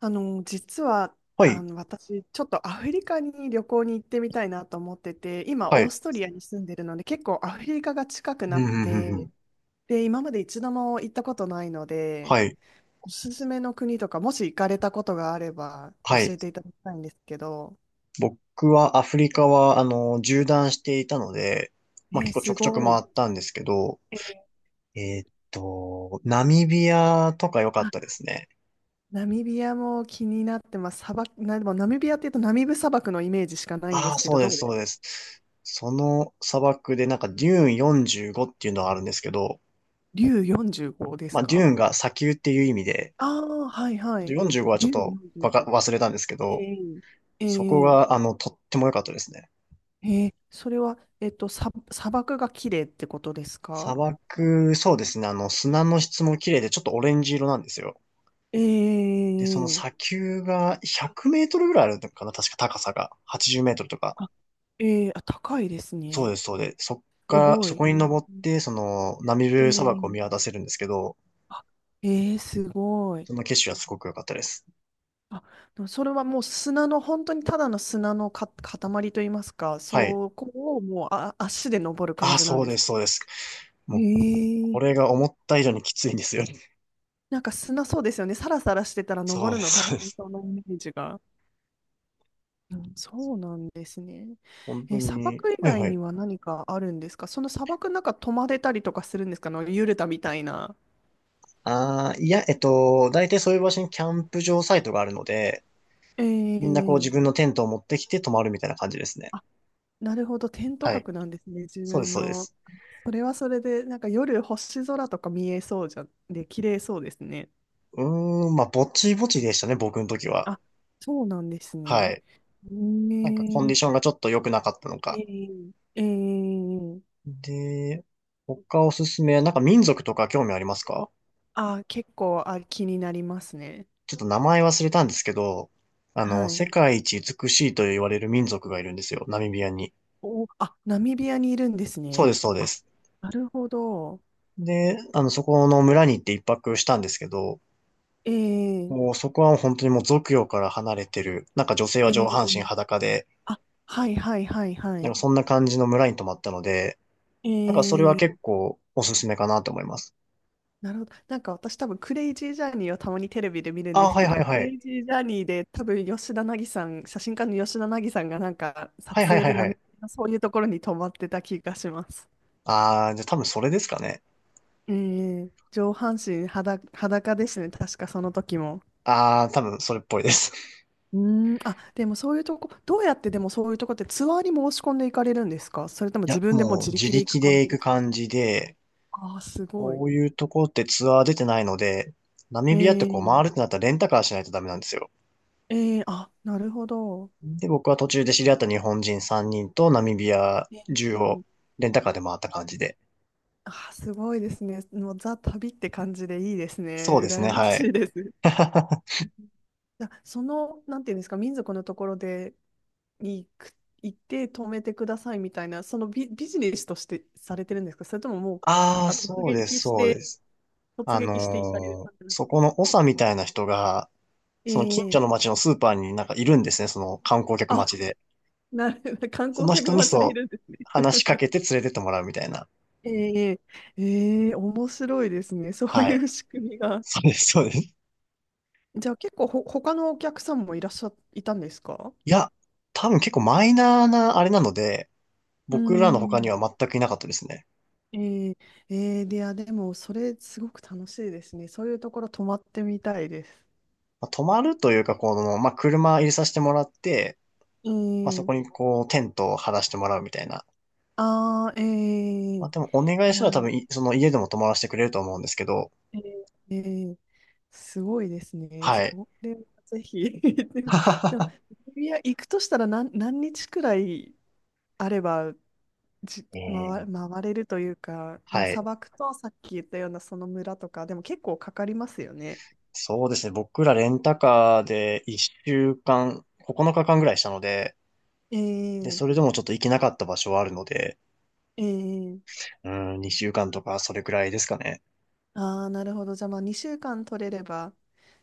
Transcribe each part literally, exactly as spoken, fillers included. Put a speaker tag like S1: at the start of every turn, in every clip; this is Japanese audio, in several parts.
S1: あの、実は、
S2: は
S1: あ
S2: い、
S1: の、私、ちょっとアフリカに旅行に行ってみたいなと思ってて、今、
S2: は
S1: オー
S2: い、
S1: ストリアに住んでるので、結構アフリカが近くな
S2: うんう
S1: っ
S2: んうんうん。
S1: て、で、今まで一度も行ったことないので、
S2: はい、
S1: おすすめの国とか、もし行かれたことがあれば、
S2: は
S1: 教
S2: い。
S1: えていただきたいんですけど。
S2: 僕はアフリカは、あの、縦断していたので、
S1: え
S2: まあ、
S1: ー
S2: 結構ち
S1: す
S2: ょくちょく
S1: ごい。
S2: 回ったんですけど、
S1: えー、
S2: えーっと、ナミビアとか良かっ
S1: あ、
S2: たですね。
S1: ナミビアも気になってます。砂漠、な、でもナミビアっていうとナミブ砂漠のイメージしかないんで
S2: ああ、
S1: すけ
S2: そ
S1: ど、
S2: うで
S1: どう
S2: す、
S1: です？
S2: そうです。その砂漠でなんかデューンよんじゅうごっていうのがあるんですけど、
S1: 竜45で
S2: ま
S1: す
S2: あ、デュー
S1: か？
S2: ンが砂丘っていう意味で、
S1: ああー、はいはい。
S2: よんじゅうごはち
S1: 竜
S2: ょっとわか、
S1: 45。
S2: 忘れたんですけ
S1: え
S2: ど、
S1: え、え
S2: そこ
S1: え。
S2: が、あの、とっても良かったですね。
S1: ええ、それは、えっと、さ、砂漠が綺麗ってことです
S2: 砂
S1: か？
S2: 漠、そうですね。あの、砂の質も綺麗で、ちょっとオレンジ色なんですよ。
S1: え
S2: で、その
S1: え、
S2: 砂丘がひゃくメートルぐらいあるのかな、確か高さが。はちじゅうメートルとか。
S1: あ、ええ、あ、高いです
S2: そうで
S1: ね。
S2: す、そうです。そっか
S1: す
S2: ら、
S1: ご
S2: そこに
S1: い。
S2: 登って、その、ナミ
S1: え
S2: ブ砂漠を
S1: え、
S2: 見渡せるんですけど、
S1: あ、ええ、すごい。
S2: その景色はすごく良かったです。
S1: あ、でもそれはもう砂の、本当にただの砂のか、塊といいますか、
S2: はい。
S1: そこをもうあ、足で登る感
S2: あ、
S1: じなん
S2: そう
S1: で
S2: で
S1: す。
S2: す、そうです。
S1: え
S2: もう、こ
S1: え。
S2: れが思った以上にきついんですよ。
S1: なんか砂そうですよね。サラサラしてたら
S2: そう
S1: 登
S2: で
S1: るの
S2: す、
S1: 大
S2: そうで
S1: 変
S2: す。
S1: そうなイメージが。うん、そうなんですね。
S2: 本当
S1: え、砂
S2: に、
S1: 漠以
S2: はい
S1: 外
S2: はい。
S1: には何かあるんですか？その砂漠の中泊まれたりとかするんですか？あのユルタみたいな。
S2: ああ、いや、えっと、大体そういう場所にキャンプ場サイトがあるので、みんなこう
S1: え
S2: 自分
S1: え、
S2: のテントを持ってきて泊まるみたいな感じですね。
S1: あ、なるほど。テント
S2: はい。
S1: 泊なんですね。自
S2: そうです、
S1: 分
S2: そうで
S1: の。
S2: す。
S1: それはそれで、なんか夜星空とか見えそうじゃん。で、綺麗そうですね。
S2: うーん、まあ、ぼちぼちでしたね、僕の時は。
S1: あ、そうなんです
S2: は
S1: ね。
S2: い。なんかコンディ
S1: ね
S2: ションがちょっと良くなかったの
S1: え
S2: か。
S1: ええええ。
S2: で、他おすすめ、なんか民族とか興味ありますか？
S1: あ、結構、あ、気になりますね。
S2: ちょっと名前忘れたんですけど、あの、
S1: は
S2: 世
S1: い。
S2: 界一美しいと言われる民族がいるんですよ、ナミビアに。
S1: お、あ、ナミビアにいるんです
S2: そう
S1: ね。
S2: です、そうで
S1: あ、
S2: す。
S1: なるほど。
S2: で、あの、そこの村に行って一泊したんですけど、
S1: えー、
S2: もうそこは本当にもう俗世から離れてる、なんか女性は
S1: え
S2: 上半身
S1: ー、
S2: 裸で、
S1: あ、はいはいはいは
S2: なん
S1: い。
S2: かそんな感じの村に泊まったので、
S1: え
S2: なんかそれは
S1: ー、
S2: 結構おすすめかなと思います。
S1: なるほど。なんか私多分クレイジージャーニーをたまにテレビで見るんで
S2: あ、
S1: す
S2: はい
S1: け
S2: は
S1: ど、
S2: い
S1: ク
S2: は
S1: レ
S2: い。
S1: イジージャーニーで多分吉田凪さん、写真家の吉田凪さんがなんか
S2: はい
S1: 撮
S2: はい
S1: 影
S2: はい
S1: で
S2: は
S1: ナミ
S2: い。
S1: ビアのそういうところに泊まってた気がします。
S2: あー、じゃあ多分それですかね。
S1: えー、上半身裸、裸ですね。確かその時も。
S2: あー、多分それっぽいです。
S1: うーん、あ、でもそういうとこ、どうやってでもそういうとこってツアーに申し込んでいかれるんですか？それとも
S2: い
S1: 自
S2: や、
S1: 分でもう
S2: も
S1: 自
S2: う自
S1: 力で行く
S2: 力
S1: 感
S2: で
S1: じ
S2: 行
S1: で
S2: く
S1: すか？
S2: 感じで、
S1: ああー、すご
S2: こ
S1: い。
S2: ういうとこってツアー出てないので、ナミ
S1: え
S2: ビアってこう
S1: ー、
S2: 回るってなったらレンタカーしないとダメなんですよ。
S1: えー、あ、なるほど。
S2: で、僕は途中で知り合った日本人さんにんとナミビア
S1: え
S2: 中を
S1: ー、
S2: レンタカーで回った感じで。
S1: あー、すごいですね。もうザ・旅って感じでいいですね。
S2: そうですね、
S1: 羨ま
S2: は
S1: し
S2: い。
S1: いです。じゃあその、なんていうんですか、民族のところでに行く、行って止めてくださいみたいな、そのビ、ビジネスとしてされてるんですか？それとももう、
S2: ああ、
S1: あ、突
S2: そうで
S1: 撃
S2: す、
S1: し
S2: そうで
S1: て、
S2: す。
S1: 突
S2: あ
S1: 撃して行かれる
S2: のー
S1: 感じなんです
S2: そ
S1: か？
S2: この長みたいな人が、その近
S1: え
S2: 所の
S1: え、
S2: 町のスーパーになんかいるんですね、その観光客
S1: あ、
S2: 待ちで。
S1: なる、観
S2: そ
S1: 光
S2: の人
S1: 客
S2: に
S1: 待ちでい
S2: そう、
S1: るんですね。
S2: 話しかけて連れてってもらうみたいな。
S1: ええええ、面白いですね。そう
S2: はい。
S1: いう仕組みが。
S2: そうです、そうです。い
S1: じゃあ結構ほ、他のお客さんもいらっしゃ、いたんですか？
S2: や、多分結構マイナーなあれなので、
S1: うー
S2: 僕らの他に
S1: ん。
S2: は全くいなかったですね。
S1: ええええで、いや、でも、それすごく楽しいですね。そういうところ泊まってみたいです。
S2: まあ、泊まるというか、この、まあ、車入れさせてもらって、まあ、そ
S1: え
S2: こ
S1: え、
S2: にこう、テントを張らせてもらうみたいな。
S1: ああ、ええ、
S2: ま
S1: い
S2: あ、でもお願いした
S1: や、
S2: ら多分い、その家でも泊まらせてくれると思うんですけど、
S1: ええええ、すごいですね。
S2: はい。
S1: それはぜひ。でも、いや、行くとしたら何、何日くらいあればじ、
S2: え
S1: 回、
S2: ー
S1: 回れるというか、まあ、
S2: は
S1: 砂
S2: い。
S1: 漠とさっき言ったようなその村とか、でも結構かかりますよね。
S2: そうですね。僕らレンタカーでいっしゅうかん、ここのかかんぐらいしたので、で、
S1: え
S2: それ
S1: え
S2: でもちょっと行けなかった場所はあるので、
S1: ええ、
S2: うん、にしゅうかんとかそれくらいですかね。
S1: ああー、なるほど。じゃあ、まあ、にしゅうかん取れれば、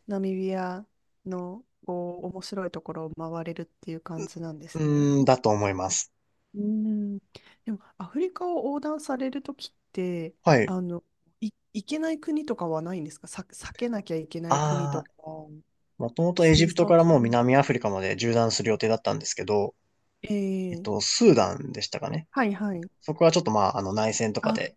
S1: ナミビアのこう面白いところを回れるっていう感じなんですね。
S2: うん、だと思います。
S1: うん。でも、アフリカを横断されるときって、
S2: はい。
S1: あの、い、行けない国とかはないんですか？さ、避けなきゃいけない国
S2: あ
S1: と
S2: あ、
S1: か。
S2: もともとエジ
S1: 戦
S2: プト
S1: 争
S2: からもう
S1: 中。
S2: 南アフリカまで縦断する予定だったんですけど、えっ
S1: え
S2: と、
S1: え、
S2: スーダンでしたかね。
S1: はいはい。
S2: そこはちょっとまあ、あの内戦とか
S1: あ、
S2: で、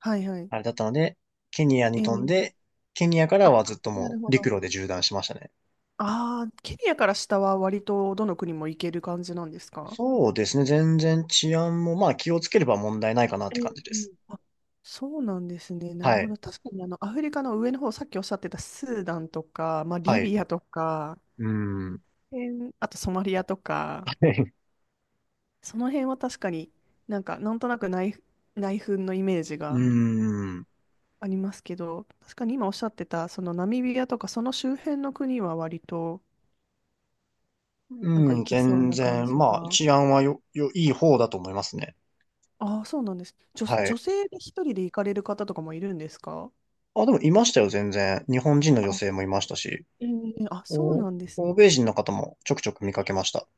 S1: はいはい。
S2: あれだったので、ケニアに飛ん
S1: ええ、
S2: で、ケニアから
S1: あ、
S2: はずっと
S1: な
S2: も
S1: る
S2: う
S1: ほど。
S2: 陸路で縦断しましたね。
S1: ああ、ケニアから下は割とどの国も行ける感じなんですか？
S2: そうですね。全然治安も、まあ気をつければ問題ないかなって
S1: え
S2: 感
S1: え、
S2: じです。
S1: あ、そうなんですね。なる
S2: は
S1: ほ
S2: い。
S1: ど。確かにあの、アフリカの上の方、さっきおっしゃってたスーダンとか、まあ、
S2: は
S1: リ
S2: い。
S1: ビアとか、
S2: うん。
S1: えー、あとソマリアとか、その辺は確かになんか、なんとなく内、内紛のイメージ
S2: う
S1: が
S2: ん。
S1: ありますけど、確かに今おっしゃってた、そのナミビアとか、その周辺の国は割と、なんか
S2: うん。
S1: 行けそう
S2: 全
S1: な感
S2: 然、
S1: じ
S2: まあ
S1: が。
S2: 治安はよ、よ、いい方だと思いますね。
S1: ああ、そうなんです。女、
S2: は
S1: 女
S2: い。
S1: 性で一人で行かれる方とかもいるんですか？
S2: あ、でもいましたよ、全然。日本人の女
S1: あ、
S2: 性もいましたし、
S1: ええ、あ、そう
S2: お、
S1: なんですね。
S2: 欧米人の方もちょくちょく見かけました。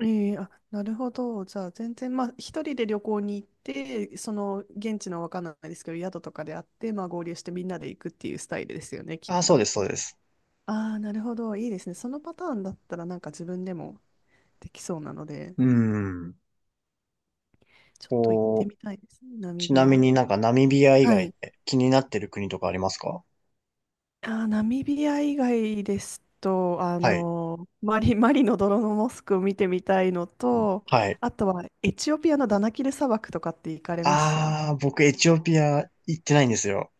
S1: ええ、あ、なるほど。じゃあ、全然、まあ、一人で旅行に行って、その、現地のわかんないですけど、宿とかであって、まあ、合流してみんなで行くっていうスタイルですよね、き
S2: あ、
S1: っ
S2: そうで
S1: と。
S2: す、そうです。
S1: ああ、なるほど。いいですね。そのパターンだったら、なんか自分でもできそうなので、
S2: うん。
S1: ちょっと行って
S2: こう、
S1: みたいですね、ナミ
S2: ち
S1: ビ
S2: なみ
S1: ア。
S2: になんかナミビア以
S1: は
S2: 外
S1: い、
S2: で気になってる国とかありますか？
S1: あー、ナミビア以外ですと、あ
S2: はい。
S1: の、マリ、マリの泥のモスクを見てみたいのと、
S2: はい。
S1: あとはエチオピアのダナキル砂漠とかって行かれました？
S2: ああ、僕エチオピア行ってないんですよ。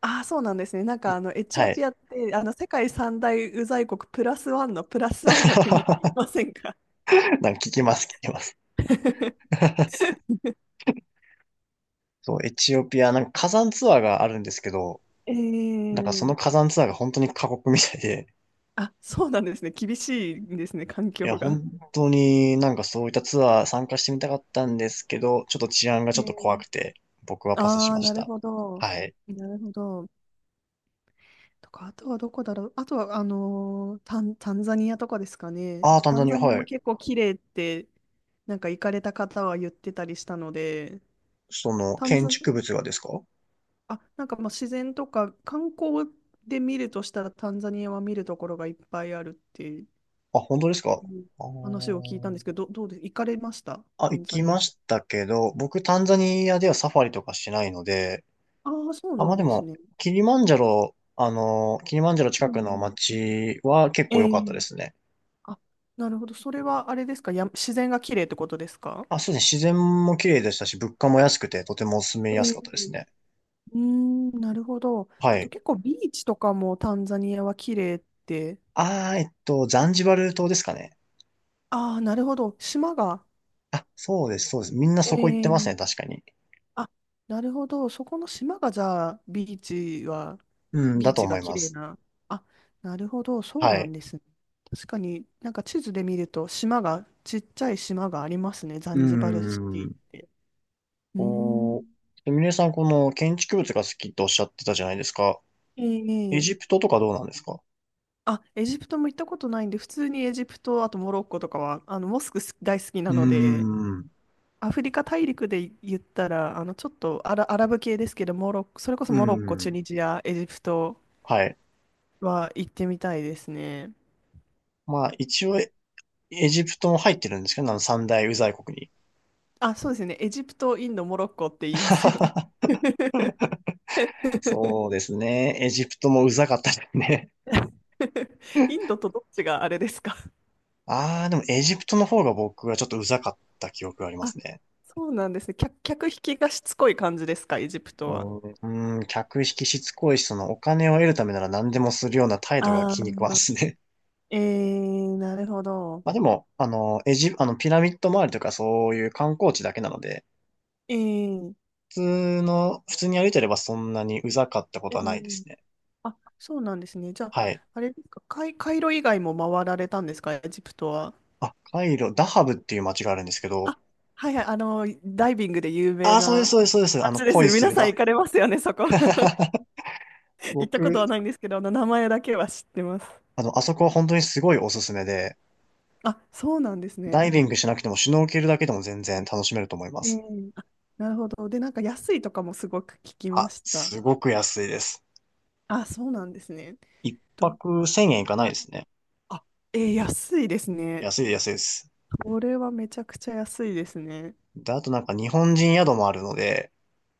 S1: ああ、そうなんですね。なん
S2: い
S1: かあのエチオ
S2: はい。
S1: ピアってあの世界三大ウザい国プラスワンのプラスワンの国って言い ませんか？
S2: なんか聞きます、聞きます。そう、エチオピア、なんか火山ツアーがあるんですけど、
S1: え
S2: なんかそ
S1: ー、
S2: の火山ツアーが本当に過酷みたいで、
S1: あ、そうなんですね。厳しいんですね、環
S2: い
S1: 境
S2: や、
S1: が。
S2: 本当になんかそういったツアー参加してみたかったんですけど、ちょっと治安が
S1: え
S2: ちょっと怖
S1: ー、
S2: くて、僕はパスし
S1: ああ、
S2: まし
S1: なる
S2: た。
S1: ほど。
S2: はい。
S1: なるほど。とか、あとはどこだろう。あとは、あのータン、タンザニアとかですかね。
S2: ああ、単
S1: タ
S2: 純
S1: ン
S2: に
S1: ザニア
S2: は
S1: も
S2: い。
S1: 結構綺麗って、なんか行かれた方は言ってたりしたので。
S2: その、
S1: タン
S2: 建
S1: ザニ
S2: 築物がですか？
S1: ア、あ、なんかまあ自然とか観光で見るとしたらタンザニアは見るところがいっぱいあるってい
S2: あ、本当ですか？
S1: う
S2: あ
S1: 話を聞いたんですけ
S2: ー
S1: ど、ど、どうです？行かれました
S2: あ、
S1: タ
S2: 行
S1: ンザ
S2: き
S1: ニ
S2: ましたけど、僕タンザニアではサファリとかしないので、
S1: ア？ああ、そう
S2: あ、
S1: な
S2: まあ
S1: ん
S2: で
S1: です
S2: も、
S1: ね。
S2: キリマンジャロ、あの、キリマンジャロ近
S1: う
S2: くの
S1: ん。
S2: 街は結
S1: え
S2: 構良か
S1: え、
S2: ったですね。
S1: あ、なるほど。それはあれですか？や、自然が綺麗ってことですか？
S2: あ、そうですね。自然も綺麗でしたし、物価も安くて、とても住みやすか
S1: え
S2: ったで
S1: え、
S2: すね。
S1: うーん、なるほど。
S2: は
S1: あと
S2: い。
S1: 結構ビーチとかもタンザニアは綺麗って。
S2: あー、えっと、ザンジバル島ですかね。
S1: ああ、なるほど。島が。
S2: あ、そうです、そうです。みんなそこ行ってますね、
S1: ええ、
S2: 確かに。
S1: あ、なるほど。そこの島がじゃあ、ビーチは、
S2: うん、だ
S1: ビー
S2: と
S1: チ
S2: 思
S1: が
S2: い
S1: 綺
S2: ま
S1: 麗
S2: す。
S1: な。あ、なるほど。そう
S2: は
S1: なん
S2: い。
S1: ですね。確かになんか地図で見ると、島が、ちっちゃい島がありますね。ザ
S2: うー
S1: ンジバルシティっ
S2: ん。
S1: て。うーん。
S2: おー。ミネさん、この建築物が好きとおっしゃってたじゃないですか。エ
S1: え
S2: ジプ
S1: え、
S2: トとかどうなんですか？
S1: あ、エジプトも行ったことないんで、普通にエジプト、あとモロッコとかは、あの、モスク大好きな
S2: うー
S1: ので、
S2: ん。う
S1: アフリカ大陸で言ったら、あの、ちょっとアラ、アラブ系ですけど、モロッコ、それこそ
S2: ー
S1: モロッコ、チュ
S2: ん。
S1: ニジア、エジプト
S2: はい。
S1: は行ってみたいですね。
S2: まあ、一応、エジプトも入ってるんですけど、あの三大ウザい国に。
S1: あ、そうですね。エジプト、インド、モロッコって言いますよね。
S2: そうですね。エジプトもウザかったですね。
S1: インドとどっちがあれですか？
S2: ああ、でもエジプトの方が僕はちょっとウザかった記憶がありま
S1: あ、
S2: すね。
S1: そうなんですね。客、客引きがしつこい感じですか、エジプ
S2: う
S1: ト
S2: ー
S1: は。
S2: ん、うーん、客引きしつこいし、そのお金を得るためなら何でもするような態度が
S1: ああ、
S2: 気に食わんですね。
S1: えー、なるほ ど。
S2: まあでも、あの、エジ、あの、ピラミッド周りとかそういう観光地だけなので、
S1: えー、
S2: 普通の、普通に歩いてればそんなにうざかったこ
S1: え
S2: とはないで
S1: ー、
S2: すね。
S1: あ、そうなんですね。じゃあ、
S2: はい。
S1: あれですか、カイ、カイロ以外も回られたんですか、エジプトは。
S2: あ、カイロ、ダハブっていう街があるんですけど、
S1: あ、はいはい、あの、ダイビングで有
S2: あ
S1: 名
S2: あ、そうです、
S1: な
S2: そうです、そうです。あの、
S1: 街です
S2: 恋
S1: ね。
S2: す
S1: 皆
S2: る
S1: さん
S2: だ。
S1: 行かれますよね、そこ。行ったこと
S2: 僕、
S1: はないんですけど、あの、名前だけは知ってます。
S2: あの、あそこは本当にすごいおすすめで、
S1: あ、そうなんです
S2: ダイ
S1: ね。
S2: ビングしなくてもシュノーケルだけでも全然楽しめると思いま
S1: え
S2: す。
S1: え、あ、なるほど。で、なんか安いとかもすごく聞きま
S2: あ、
S1: した。
S2: すごく安いです。
S1: あ、そうなんですね。
S2: 一
S1: ど、
S2: 泊せんえんいかない
S1: は
S2: で
S1: い。
S2: すね。
S1: あ、えー、安いですね。
S2: 安い、安いです。
S1: これはめちゃくちゃ安いですね。
S2: で、あとなんか日本人宿もあるので、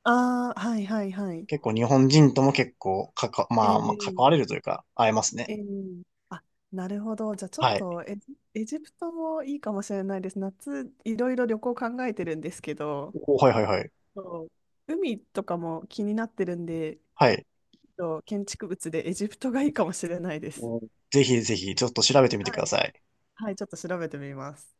S1: ああ、はいはいはい。
S2: 結構日本人とも結構かか、まあ、まあ、関
S1: え
S2: わ
S1: え
S2: れるというか、会えます
S1: え
S2: ね。
S1: え、あ、なるほど。じゃあちょっ
S2: はい。
S1: とエジ、エジプトもいいかもしれないです。夏、いろいろ旅行考えてるんですけど、
S2: おはいはいはい。
S1: そう、海とかも気になってるんで、
S2: はい。
S1: と建築物でエジプトがいいかもしれないです。
S2: おぜひぜひ、ちょっと調べてみてく
S1: は
S2: だ
S1: い。
S2: さい。
S1: はい、ちょっと調べてみます。